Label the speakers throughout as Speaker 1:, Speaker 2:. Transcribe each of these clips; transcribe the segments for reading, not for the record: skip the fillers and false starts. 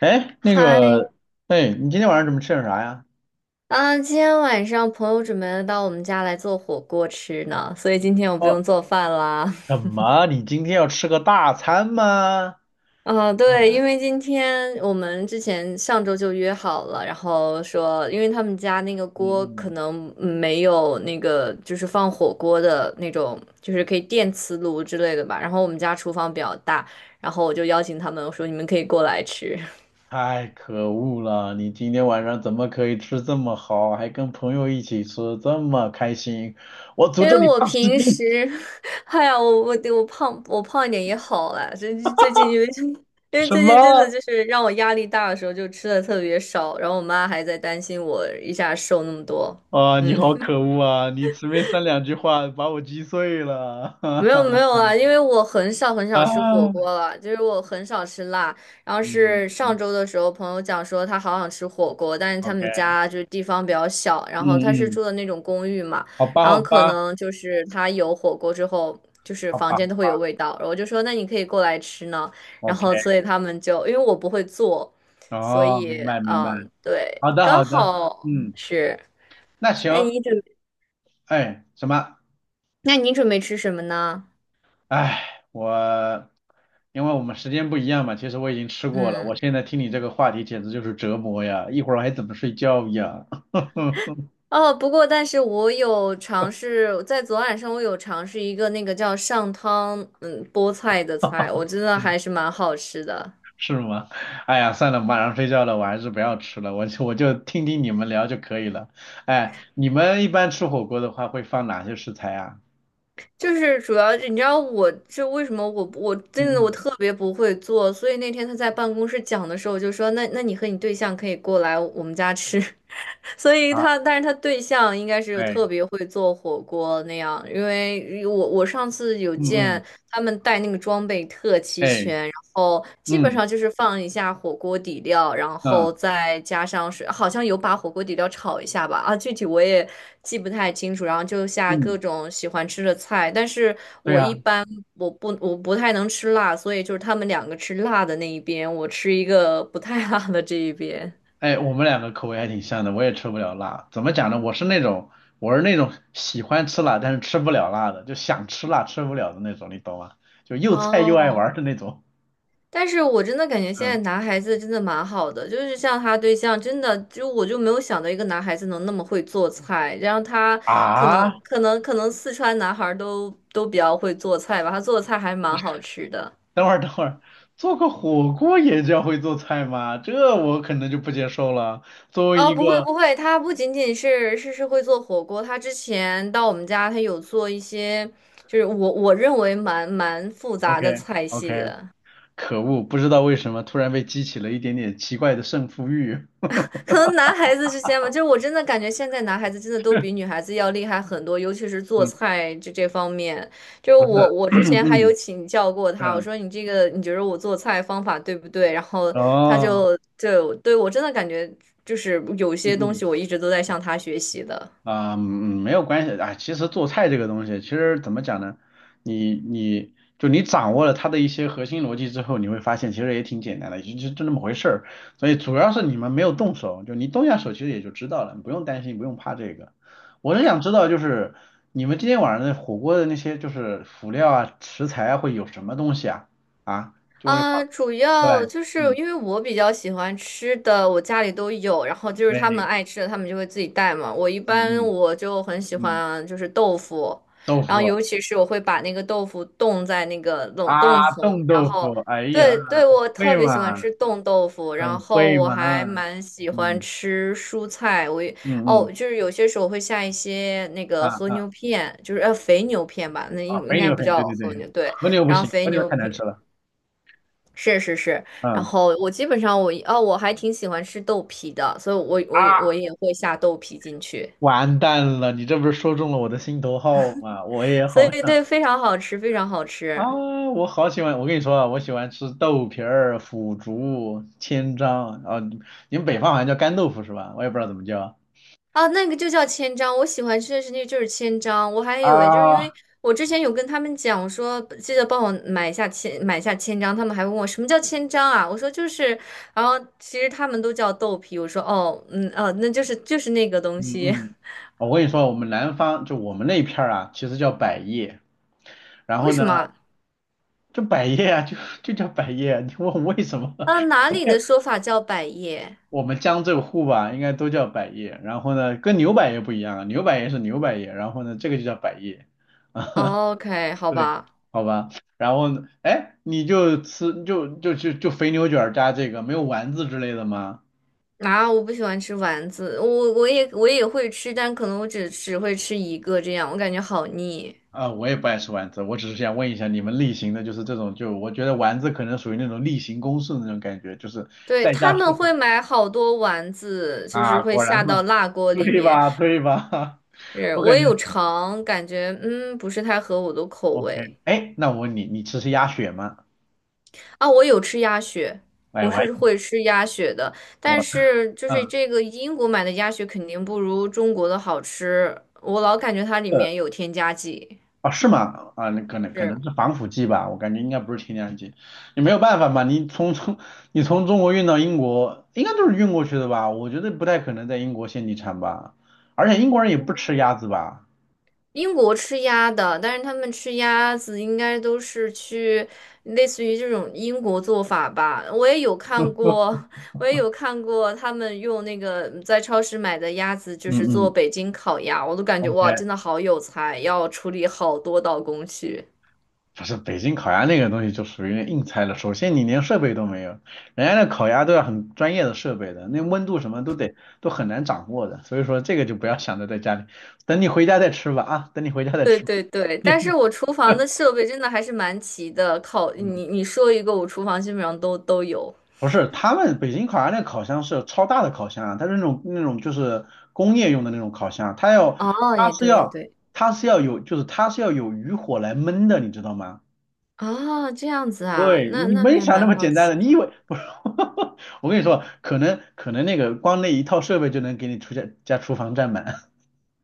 Speaker 1: 哎，
Speaker 2: 嗨。
Speaker 1: 哎，你今天晚上准备吃点啥呀？
Speaker 2: 啊，今天晚上朋友准备到我们家来做火锅吃呢，所以今天我不
Speaker 1: 哦，
Speaker 2: 用做饭啦。
Speaker 1: 什 么？你今天要吃个大餐吗？
Speaker 2: 啊，
Speaker 1: 嗯
Speaker 2: 对，因为今天我们之前上周就约好了，然后说，因为他们家那个锅可
Speaker 1: 嗯，
Speaker 2: 能没有那个就是放火锅的那种，就是可以电磁炉之类的吧。然后我们家厨房比较大，然后我就邀请他们，我说你们可以过来吃。
Speaker 1: 太可恶了！你今天晚上怎么可以吃这么好，还跟朋友一起吃，这么开心？我诅
Speaker 2: 因
Speaker 1: 咒
Speaker 2: 为
Speaker 1: 你
Speaker 2: 我
Speaker 1: 胖十
Speaker 2: 平
Speaker 1: 斤！
Speaker 2: 时，哎呀，我胖一点也好啦。最近因为 因为
Speaker 1: 什
Speaker 2: 最近真的
Speaker 1: 么？
Speaker 2: 就是让我压力大的时候，就吃的特别少，然后我妈还在担心我一下瘦那么多。
Speaker 1: 啊、你好
Speaker 2: 嗯，
Speaker 1: 可恶啊！你随便三两句话把我击碎了，哈
Speaker 2: 没
Speaker 1: 哈
Speaker 2: 有没有啊，因为我很少很少吃火
Speaker 1: 啊！
Speaker 2: 锅了，就是我很少吃辣。然后
Speaker 1: 嗯
Speaker 2: 是上
Speaker 1: 嗯
Speaker 2: 周的时候，朋友讲说他好想吃火锅，但是他们
Speaker 1: ，OK，
Speaker 2: 家就是地方比较小，
Speaker 1: 嗯
Speaker 2: 然后他是
Speaker 1: 嗯，
Speaker 2: 住的那种公寓嘛，
Speaker 1: 好吧
Speaker 2: 然后
Speaker 1: 好
Speaker 2: 可
Speaker 1: 吧
Speaker 2: 能就是他有火锅之后，就是
Speaker 1: 好
Speaker 2: 房
Speaker 1: 吧好
Speaker 2: 间都会有
Speaker 1: 吧
Speaker 2: 味道。然后我就说那你可以过来吃呢，然
Speaker 1: ，OK，
Speaker 2: 后所以他们就因为我不会做，所
Speaker 1: 哦，明
Speaker 2: 以
Speaker 1: 白明白。
Speaker 2: 嗯对，
Speaker 1: 好的，
Speaker 2: 刚
Speaker 1: 好的，
Speaker 2: 好
Speaker 1: 嗯，
Speaker 2: 是。
Speaker 1: 那
Speaker 2: 那
Speaker 1: 行，
Speaker 2: 你准
Speaker 1: 哎，什么？
Speaker 2: 那你准备吃什么呢？
Speaker 1: 哎，因为我们时间不一样嘛，其实我已经吃过了，我
Speaker 2: 嗯。
Speaker 1: 现在听你这个话题简直就是折磨呀，一会儿还怎么睡觉呀？
Speaker 2: 哦，不过但是我有尝试在昨晚上，我有尝试一个那个叫上汤，嗯，菠菜的菜，我真的还是蛮好吃的。
Speaker 1: 是吗？哎呀，算了，马上睡觉了，我还是不要吃了，我就听听你们聊就可以了。哎，你们一般吃火锅的话会放哪些食材啊？
Speaker 2: 就是主要是你知道我这为什么我真
Speaker 1: 嗯
Speaker 2: 的我
Speaker 1: 嗯，
Speaker 2: 特别不会做，所以那天他在办公室讲的时候，我就说那你和你对象可以过来我们家吃。所以
Speaker 1: 啊，
Speaker 2: 他，但是他对象应该是特
Speaker 1: 哎，
Speaker 2: 别会做火锅那样，因为我上次有
Speaker 1: 嗯嗯，
Speaker 2: 见他们带那个装备特齐
Speaker 1: 哎，
Speaker 2: 全，然后基本
Speaker 1: 嗯
Speaker 2: 上就是放一下火锅底料，然
Speaker 1: 嗯
Speaker 2: 后再加上水，好像有把火锅底料炒一下吧，啊，具体我也记不太清楚，然后就下各
Speaker 1: 嗯，
Speaker 2: 种喜欢吃的菜，但是
Speaker 1: 对
Speaker 2: 我
Speaker 1: 呀。
Speaker 2: 一般我不太能吃辣，所以就是他们两个吃辣的那一边，我吃一个不太辣的这一边。
Speaker 1: 哎，我们两个口味还挺像的，我也吃不了辣。怎么讲呢？我是那种喜欢吃辣，但是吃不了辣的，就想吃辣吃不了的那种，你懂吗？就又菜又爱玩
Speaker 2: 哦，
Speaker 1: 的那种。
Speaker 2: 但是我真的感觉现在
Speaker 1: 嗯
Speaker 2: 男孩子真的蛮好的，就是像他对象，真的就没有想到一个男孩子能那么会做菜，然后他
Speaker 1: 啊，
Speaker 2: 可能四川男孩儿都比较会做菜吧，他做的菜还蛮好吃的。
Speaker 1: 等会儿等会儿，做个火锅也叫会做菜吗？这我可能就不接受了。作为
Speaker 2: 哦，
Speaker 1: 一
Speaker 2: 不会
Speaker 1: 个
Speaker 2: 不会，他不仅仅是会做火锅，他之前到我们家，他有做一些就是我我认为蛮复杂
Speaker 1: OK
Speaker 2: 的菜系
Speaker 1: OK，
Speaker 2: 的。
Speaker 1: 可恶，不知道为什么突然被激起了一点点奇怪的胜负欲。
Speaker 2: 可能男孩子之间吧，就是我真的感觉现在男孩子真的都比女 孩子要厉害很多，尤其是做
Speaker 1: 嗯，
Speaker 2: 菜这方面。就是
Speaker 1: 不是，
Speaker 2: 我 我之
Speaker 1: 嗯
Speaker 2: 前还
Speaker 1: 嗯
Speaker 2: 有请教过他，我
Speaker 1: 嗯，
Speaker 2: 说你这个你觉得我做菜方法对不对？然后他
Speaker 1: 哦，
Speaker 2: 就就对我真的感觉就是有
Speaker 1: 嗯
Speaker 2: 些东
Speaker 1: 嗯。
Speaker 2: 西我一直都在向他学习的。
Speaker 1: 啊、没有关系啊。其实做菜这个东西，其实怎么讲呢？你掌握了它的一些核心逻辑之后，你会发现其实也挺简单的，就那么回事儿。所以主要是你们没有动手，就你动下手，其实也就知道了，你不用担心，不用怕这个。我是想知道，就是你们今天晚上的火锅的那些就是辅料啊、食材啊，会有什么东西啊？啊，就会
Speaker 2: 啊，
Speaker 1: 放
Speaker 2: 主
Speaker 1: 对，
Speaker 2: 要就是
Speaker 1: 嗯，
Speaker 2: 因为我比较喜欢吃的，我家里都有，然后就是他们
Speaker 1: 对，
Speaker 2: 爱吃的，他们就会自己带嘛。我一般
Speaker 1: 嗯
Speaker 2: 我就很喜
Speaker 1: 嗯嗯，
Speaker 2: 欢就是豆腐，
Speaker 1: 豆
Speaker 2: 然后
Speaker 1: 腐
Speaker 2: 尤其是我会把那个豆腐冻在那个冷
Speaker 1: 啊，
Speaker 2: 冻层，
Speaker 1: 冻
Speaker 2: 然
Speaker 1: 豆腐，
Speaker 2: 后
Speaker 1: 哎呀，
Speaker 2: 对对，我
Speaker 1: 会
Speaker 2: 特别喜欢
Speaker 1: 吗？
Speaker 2: 吃冻豆腐，
Speaker 1: 很
Speaker 2: 然后
Speaker 1: 会
Speaker 2: 我
Speaker 1: 嘛，
Speaker 2: 还蛮喜欢
Speaker 1: 嗯
Speaker 2: 吃蔬菜，我也
Speaker 1: 嗯嗯，
Speaker 2: 哦，就是有些时候会下一些那
Speaker 1: 啊
Speaker 2: 个和牛
Speaker 1: 啊
Speaker 2: 片，就是肥牛片吧，那
Speaker 1: 啊，
Speaker 2: 应
Speaker 1: 肥
Speaker 2: 该
Speaker 1: 牛
Speaker 2: 不
Speaker 1: 很，
Speaker 2: 叫
Speaker 1: 对对
Speaker 2: 和
Speaker 1: 对，
Speaker 2: 牛，对。
Speaker 1: 和牛不
Speaker 2: 然后
Speaker 1: 行，
Speaker 2: 肥
Speaker 1: 和牛
Speaker 2: 牛
Speaker 1: 太难吃
Speaker 2: 片。
Speaker 1: 了，
Speaker 2: 是是是，然
Speaker 1: 嗯
Speaker 2: 后我基本上哦，我还挺喜欢吃豆皮的，所以我
Speaker 1: 啊，
Speaker 2: 也会下豆皮进去，
Speaker 1: 完蛋了，你这不是说中了我的心头好吗？我也
Speaker 2: 所以
Speaker 1: 好想
Speaker 2: 对，非常好吃，非常好
Speaker 1: 啊，
Speaker 2: 吃。
Speaker 1: 我好喜欢，我跟你说啊，我喜欢吃豆皮儿、腐竹、千张啊，你们北方好像叫干豆腐是吧？我也不知道怎么叫
Speaker 2: 啊！那个就叫千张，我喜欢吃的是那个就是千张，我还以为就是因为
Speaker 1: 啊，
Speaker 2: 我之前有跟他们讲，我说记得帮我买下千张，他们还问我什么叫千张啊？我说就是，然后其实他们都叫豆皮，我说哦，嗯，哦，那就是就是那个东
Speaker 1: 嗯
Speaker 2: 西，
Speaker 1: 嗯，哦我跟你说，我们南方就我们那片儿啊，其实叫百叶，然
Speaker 2: 为
Speaker 1: 后呢。
Speaker 2: 什么
Speaker 1: 就百叶啊，就就叫百叶啊你问为什么？
Speaker 2: 啊，啊哪里的说法叫百叶
Speaker 1: 我们江浙沪吧，应该都叫百叶。然后呢，跟牛百叶不一样啊，牛百叶是牛百叶，然后呢，这个就叫百叶。啊，
Speaker 2: 哦？OK,好
Speaker 1: 对，
Speaker 2: 吧。
Speaker 1: 好吧。然后呢，哎，你就吃就就就就肥牛卷儿加这个，没有丸子之类的吗？
Speaker 2: 啊，我不喜欢吃丸子，我也会吃，但可能我只会吃一个这样，我感觉好腻。
Speaker 1: 啊，我也不爱吃丸子，我只是想问一下你们例行的，就是这种，就我觉得丸子可能属于那种例行公事的那种感觉，就是
Speaker 2: 对，
Speaker 1: 在家
Speaker 2: 他
Speaker 1: 吃
Speaker 2: 们
Speaker 1: 苦
Speaker 2: 会买好多丸子，就是
Speaker 1: 啊，
Speaker 2: 会
Speaker 1: 果然
Speaker 2: 下
Speaker 1: 嘛，
Speaker 2: 到辣锅里
Speaker 1: 对
Speaker 2: 面。
Speaker 1: 吧？对吧？
Speaker 2: 是，
Speaker 1: 我
Speaker 2: 我
Speaker 1: 感
Speaker 2: 也
Speaker 1: 觉。
Speaker 2: 有尝，感觉不是太合我的口
Speaker 1: OK，
Speaker 2: 味
Speaker 1: 哎，那我问你，你吃是鸭血吗？
Speaker 2: 啊。我有吃鸭血，
Speaker 1: 哎，
Speaker 2: 我
Speaker 1: 我还
Speaker 2: 是会吃鸭血的，但
Speaker 1: 我
Speaker 2: 是就是
Speaker 1: 嗯
Speaker 2: 这个英国买的鸭血肯定不如中国的好吃，我老感觉它里
Speaker 1: 呃
Speaker 2: 面有添加剂。
Speaker 1: 哦是吗？啊，那可能可能
Speaker 2: 是。
Speaker 1: 是防腐剂吧，我感觉应该不是添加剂。你没有办法嘛，你从中国运到英国，应该都是运过去的吧？我觉得不太可能在英国现地产吧，而且英国人也不吃鸭子吧？
Speaker 2: 英国吃鸭的，但是他们吃鸭子应该都是去类似于这种英国做法吧。我也有看过，我也有看过他们用那个在超市买的鸭子，就
Speaker 1: 嗯
Speaker 2: 是做
Speaker 1: 嗯
Speaker 2: 北京烤鸭，我都感觉哇，
Speaker 1: ，OK，
Speaker 2: 真的好有才，要处理好多道工序。
Speaker 1: 不是北京烤鸭那个东西就属于硬菜了。首先你连设备都没有，人家那烤鸭都要很专业的设备的，那温度什么都得都很难掌握的。所以说这个就不要想着在家里，等你回家再吃吧啊，等你回家再
Speaker 2: 对
Speaker 1: 吃吧
Speaker 2: 对对，但是我厨房的 设备真的还是蛮齐的，烤
Speaker 1: 嗯，
Speaker 2: 你你说一个，我厨房基本上都有。
Speaker 1: 不是，他们北京烤鸭那烤箱是超大的烤箱啊，它是那种那种就是工业用的那种烤箱，它要
Speaker 2: 哦，
Speaker 1: 它
Speaker 2: 也
Speaker 1: 是
Speaker 2: 对也
Speaker 1: 要
Speaker 2: 对，
Speaker 1: 它是要有就是它是要有余火来焖的，你知道吗？
Speaker 2: 哦，这样子啊，
Speaker 1: 对，
Speaker 2: 那
Speaker 1: 你
Speaker 2: 那
Speaker 1: 没
Speaker 2: 还
Speaker 1: 想那
Speaker 2: 蛮
Speaker 1: 么
Speaker 2: 好
Speaker 1: 简单的，
Speaker 2: 奇
Speaker 1: 你以
Speaker 2: 的。
Speaker 1: 为不是？我跟你说，可能那个光那一套设备就能给你出家家厨房占满。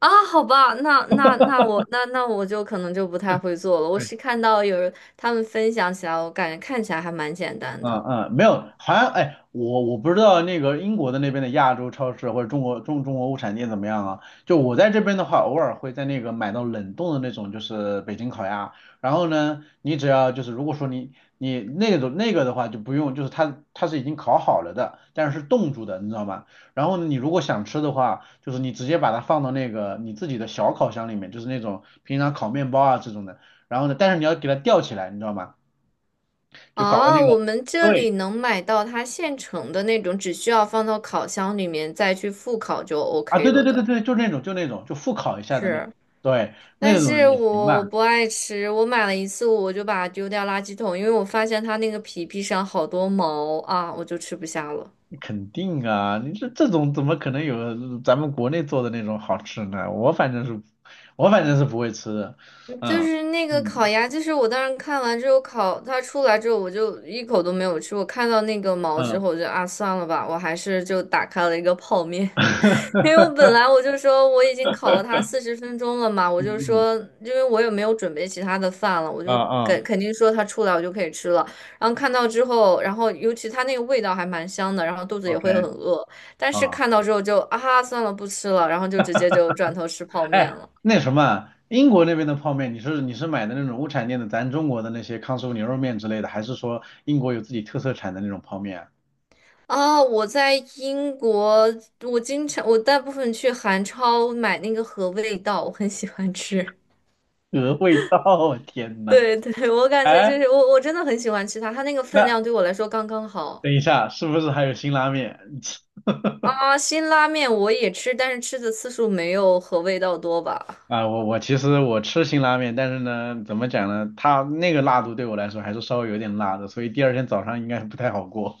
Speaker 2: 啊，好吧，那那那我那那我就可能就不太会做了。我是 看到有人他们分享起来，我感觉看起来还蛮简单
Speaker 1: 嗯
Speaker 2: 的。
Speaker 1: 嗯，没有，好像哎，我不知道那个英国的那边的亚洲超市或者中国物产店怎么样啊？就我在这边的话，偶尔会在那个买到冷冻的那种，就是北京烤鸭。然后呢，你只要就是如果说你你那种那个的话就不用，就是它是已经烤好了的，但是是冻住的，你知道吗？然后呢，你如果想吃的话，就是你直接把它放到那个你自己的小烤箱里面，就是那种平常烤面包啊这种的。然后呢，但是你要给它吊起来，你知道吗？就搞个
Speaker 2: 啊。
Speaker 1: 那个。
Speaker 2: 我们这
Speaker 1: 对，
Speaker 2: 里能买到它现成的那种，只需要放到烤箱里面再去复烤就
Speaker 1: 啊，
Speaker 2: OK
Speaker 1: 对对
Speaker 2: 了
Speaker 1: 对对
Speaker 2: 的。
Speaker 1: 对，就那种就复烤一下的那种，
Speaker 2: 是，
Speaker 1: 对，
Speaker 2: 但
Speaker 1: 那种
Speaker 2: 是
Speaker 1: 也行吧，
Speaker 2: 我不爱吃，我买了一次我就把它丢掉垃圾桶，因为我发现它那个皮上好多毛啊，我就吃不下了。
Speaker 1: 肯定啊，你这种怎么可能有咱们国内做的那种好吃呢？我反正是不会吃的，
Speaker 2: 就
Speaker 1: 嗯
Speaker 2: 是那个烤
Speaker 1: 嗯
Speaker 2: 鸭，就是我当时看完之后烤，它出来之后我就一口都没有吃。我看到那个毛之
Speaker 1: 嗯
Speaker 2: 后，我就啊算了吧，我还是就打开了一个泡面，因为我 本来我就说我已经烤了它40分钟了嘛，我就
Speaker 1: 嗯
Speaker 2: 说
Speaker 1: 嗯
Speaker 2: 因为我也没有准备其他的饭了，我
Speaker 1: 嗯
Speaker 2: 就
Speaker 1: 嗯
Speaker 2: 肯定说它出来我就可以吃了。然后看到之后，然后尤其它那个味道还蛮香的，然后肚子也
Speaker 1: ，OK
Speaker 2: 会很饿，但是
Speaker 1: 啊，
Speaker 2: 看到之后就啊算了不吃了，然后就直接就转头吃泡面
Speaker 1: 哎，
Speaker 2: 了。
Speaker 1: 那什么，英国那边的泡面，你是买的那种物产店的，咱中国的那些康师傅牛肉面之类的，还是说英国有自己特色产的那种泡面啊？
Speaker 2: 啊，我在英国，我经常我大部分去韩超买那个和味道，我很喜欢吃。
Speaker 1: 鹅味道，我天呐！
Speaker 2: 对对，我感觉
Speaker 1: 哎，
Speaker 2: 就是我真的很喜欢吃它，它那个分
Speaker 1: 那
Speaker 2: 量对我来说刚刚好。
Speaker 1: 等一下，是不是还有辛拉面？
Speaker 2: 啊，辛拉面我也吃，但是吃的次数没有和味道多吧。
Speaker 1: 啊，我其实我吃辛拉面，但是呢，怎么讲呢？它那个辣度对我来说还是稍微有点辣的，所以第二天早上应该不太好过。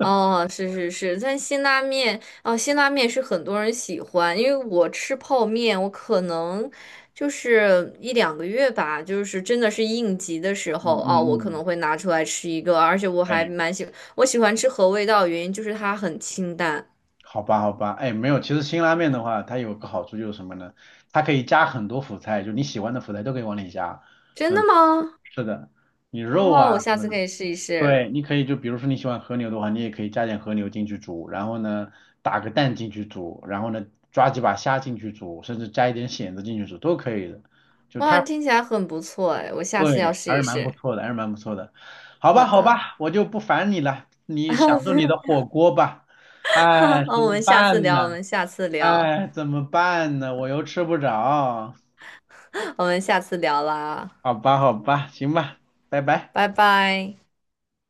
Speaker 2: 哦，是是是，但辛拉面是很多人喜欢，因为我吃泡面，我可能就是一两个月吧，就是真的是应急的时
Speaker 1: 嗯
Speaker 2: 候哦，我可
Speaker 1: 嗯嗯，
Speaker 2: 能会拿出来吃一个，而且我还
Speaker 1: 哎，
Speaker 2: 蛮喜，我喜欢吃合味道的原因就是它很清淡。
Speaker 1: 好吧好吧，哎，没有，其实辛拉面的话，它有个好处就是什么呢？它可以加很多辅菜，就你喜欢的辅菜都可以往里加。
Speaker 2: 真的
Speaker 1: 嗯，
Speaker 2: 吗？
Speaker 1: 是的，你肉
Speaker 2: 哦，我
Speaker 1: 啊什
Speaker 2: 下
Speaker 1: 么
Speaker 2: 次
Speaker 1: 的。
Speaker 2: 可以试一试。
Speaker 1: 对，你可以就比如说你喜欢和牛的话，你也可以加点和牛进去煮，然后呢打个蛋进去煮，然后呢抓几把虾进去煮，甚至加一点蚬子进去煮都可以的。就
Speaker 2: 哇，
Speaker 1: 它，
Speaker 2: 听起来很不错哎，我下次要
Speaker 1: 对，
Speaker 2: 试
Speaker 1: 还是
Speaker 2: 一
Speaker 1: 蛮不
Speaker 2: 试。
Speaker 1: 错的，还是蛮不错的。好
Speaker 2: 好
Speaker 1: 吧，好
Speaker 2: 的，
Speaker 1: 吧，我就不烦你了，你
Speaker 2: 啊，
Speaker 1: 享
Speaker 2: 不
Speaker 1: 受
Speaker 2: 用，
Speaker 1: 你的火锅吧。
Speaker 2: 啊
Speaker 1: 哎，怎
Speaker 2: 我
Speaker 1: 么
Speaker 2: 们下次
Speaker 1: 办呢？
Speaker 2: 聊，我们下次聊，
Speaker 1: 哎，怎么办呢？我又吃不着。
Speaker 2: 我们下次聊啦。
Speaker 1: 好吧，好吧，行吧，拜拜。
Speaker 2: 拜拜。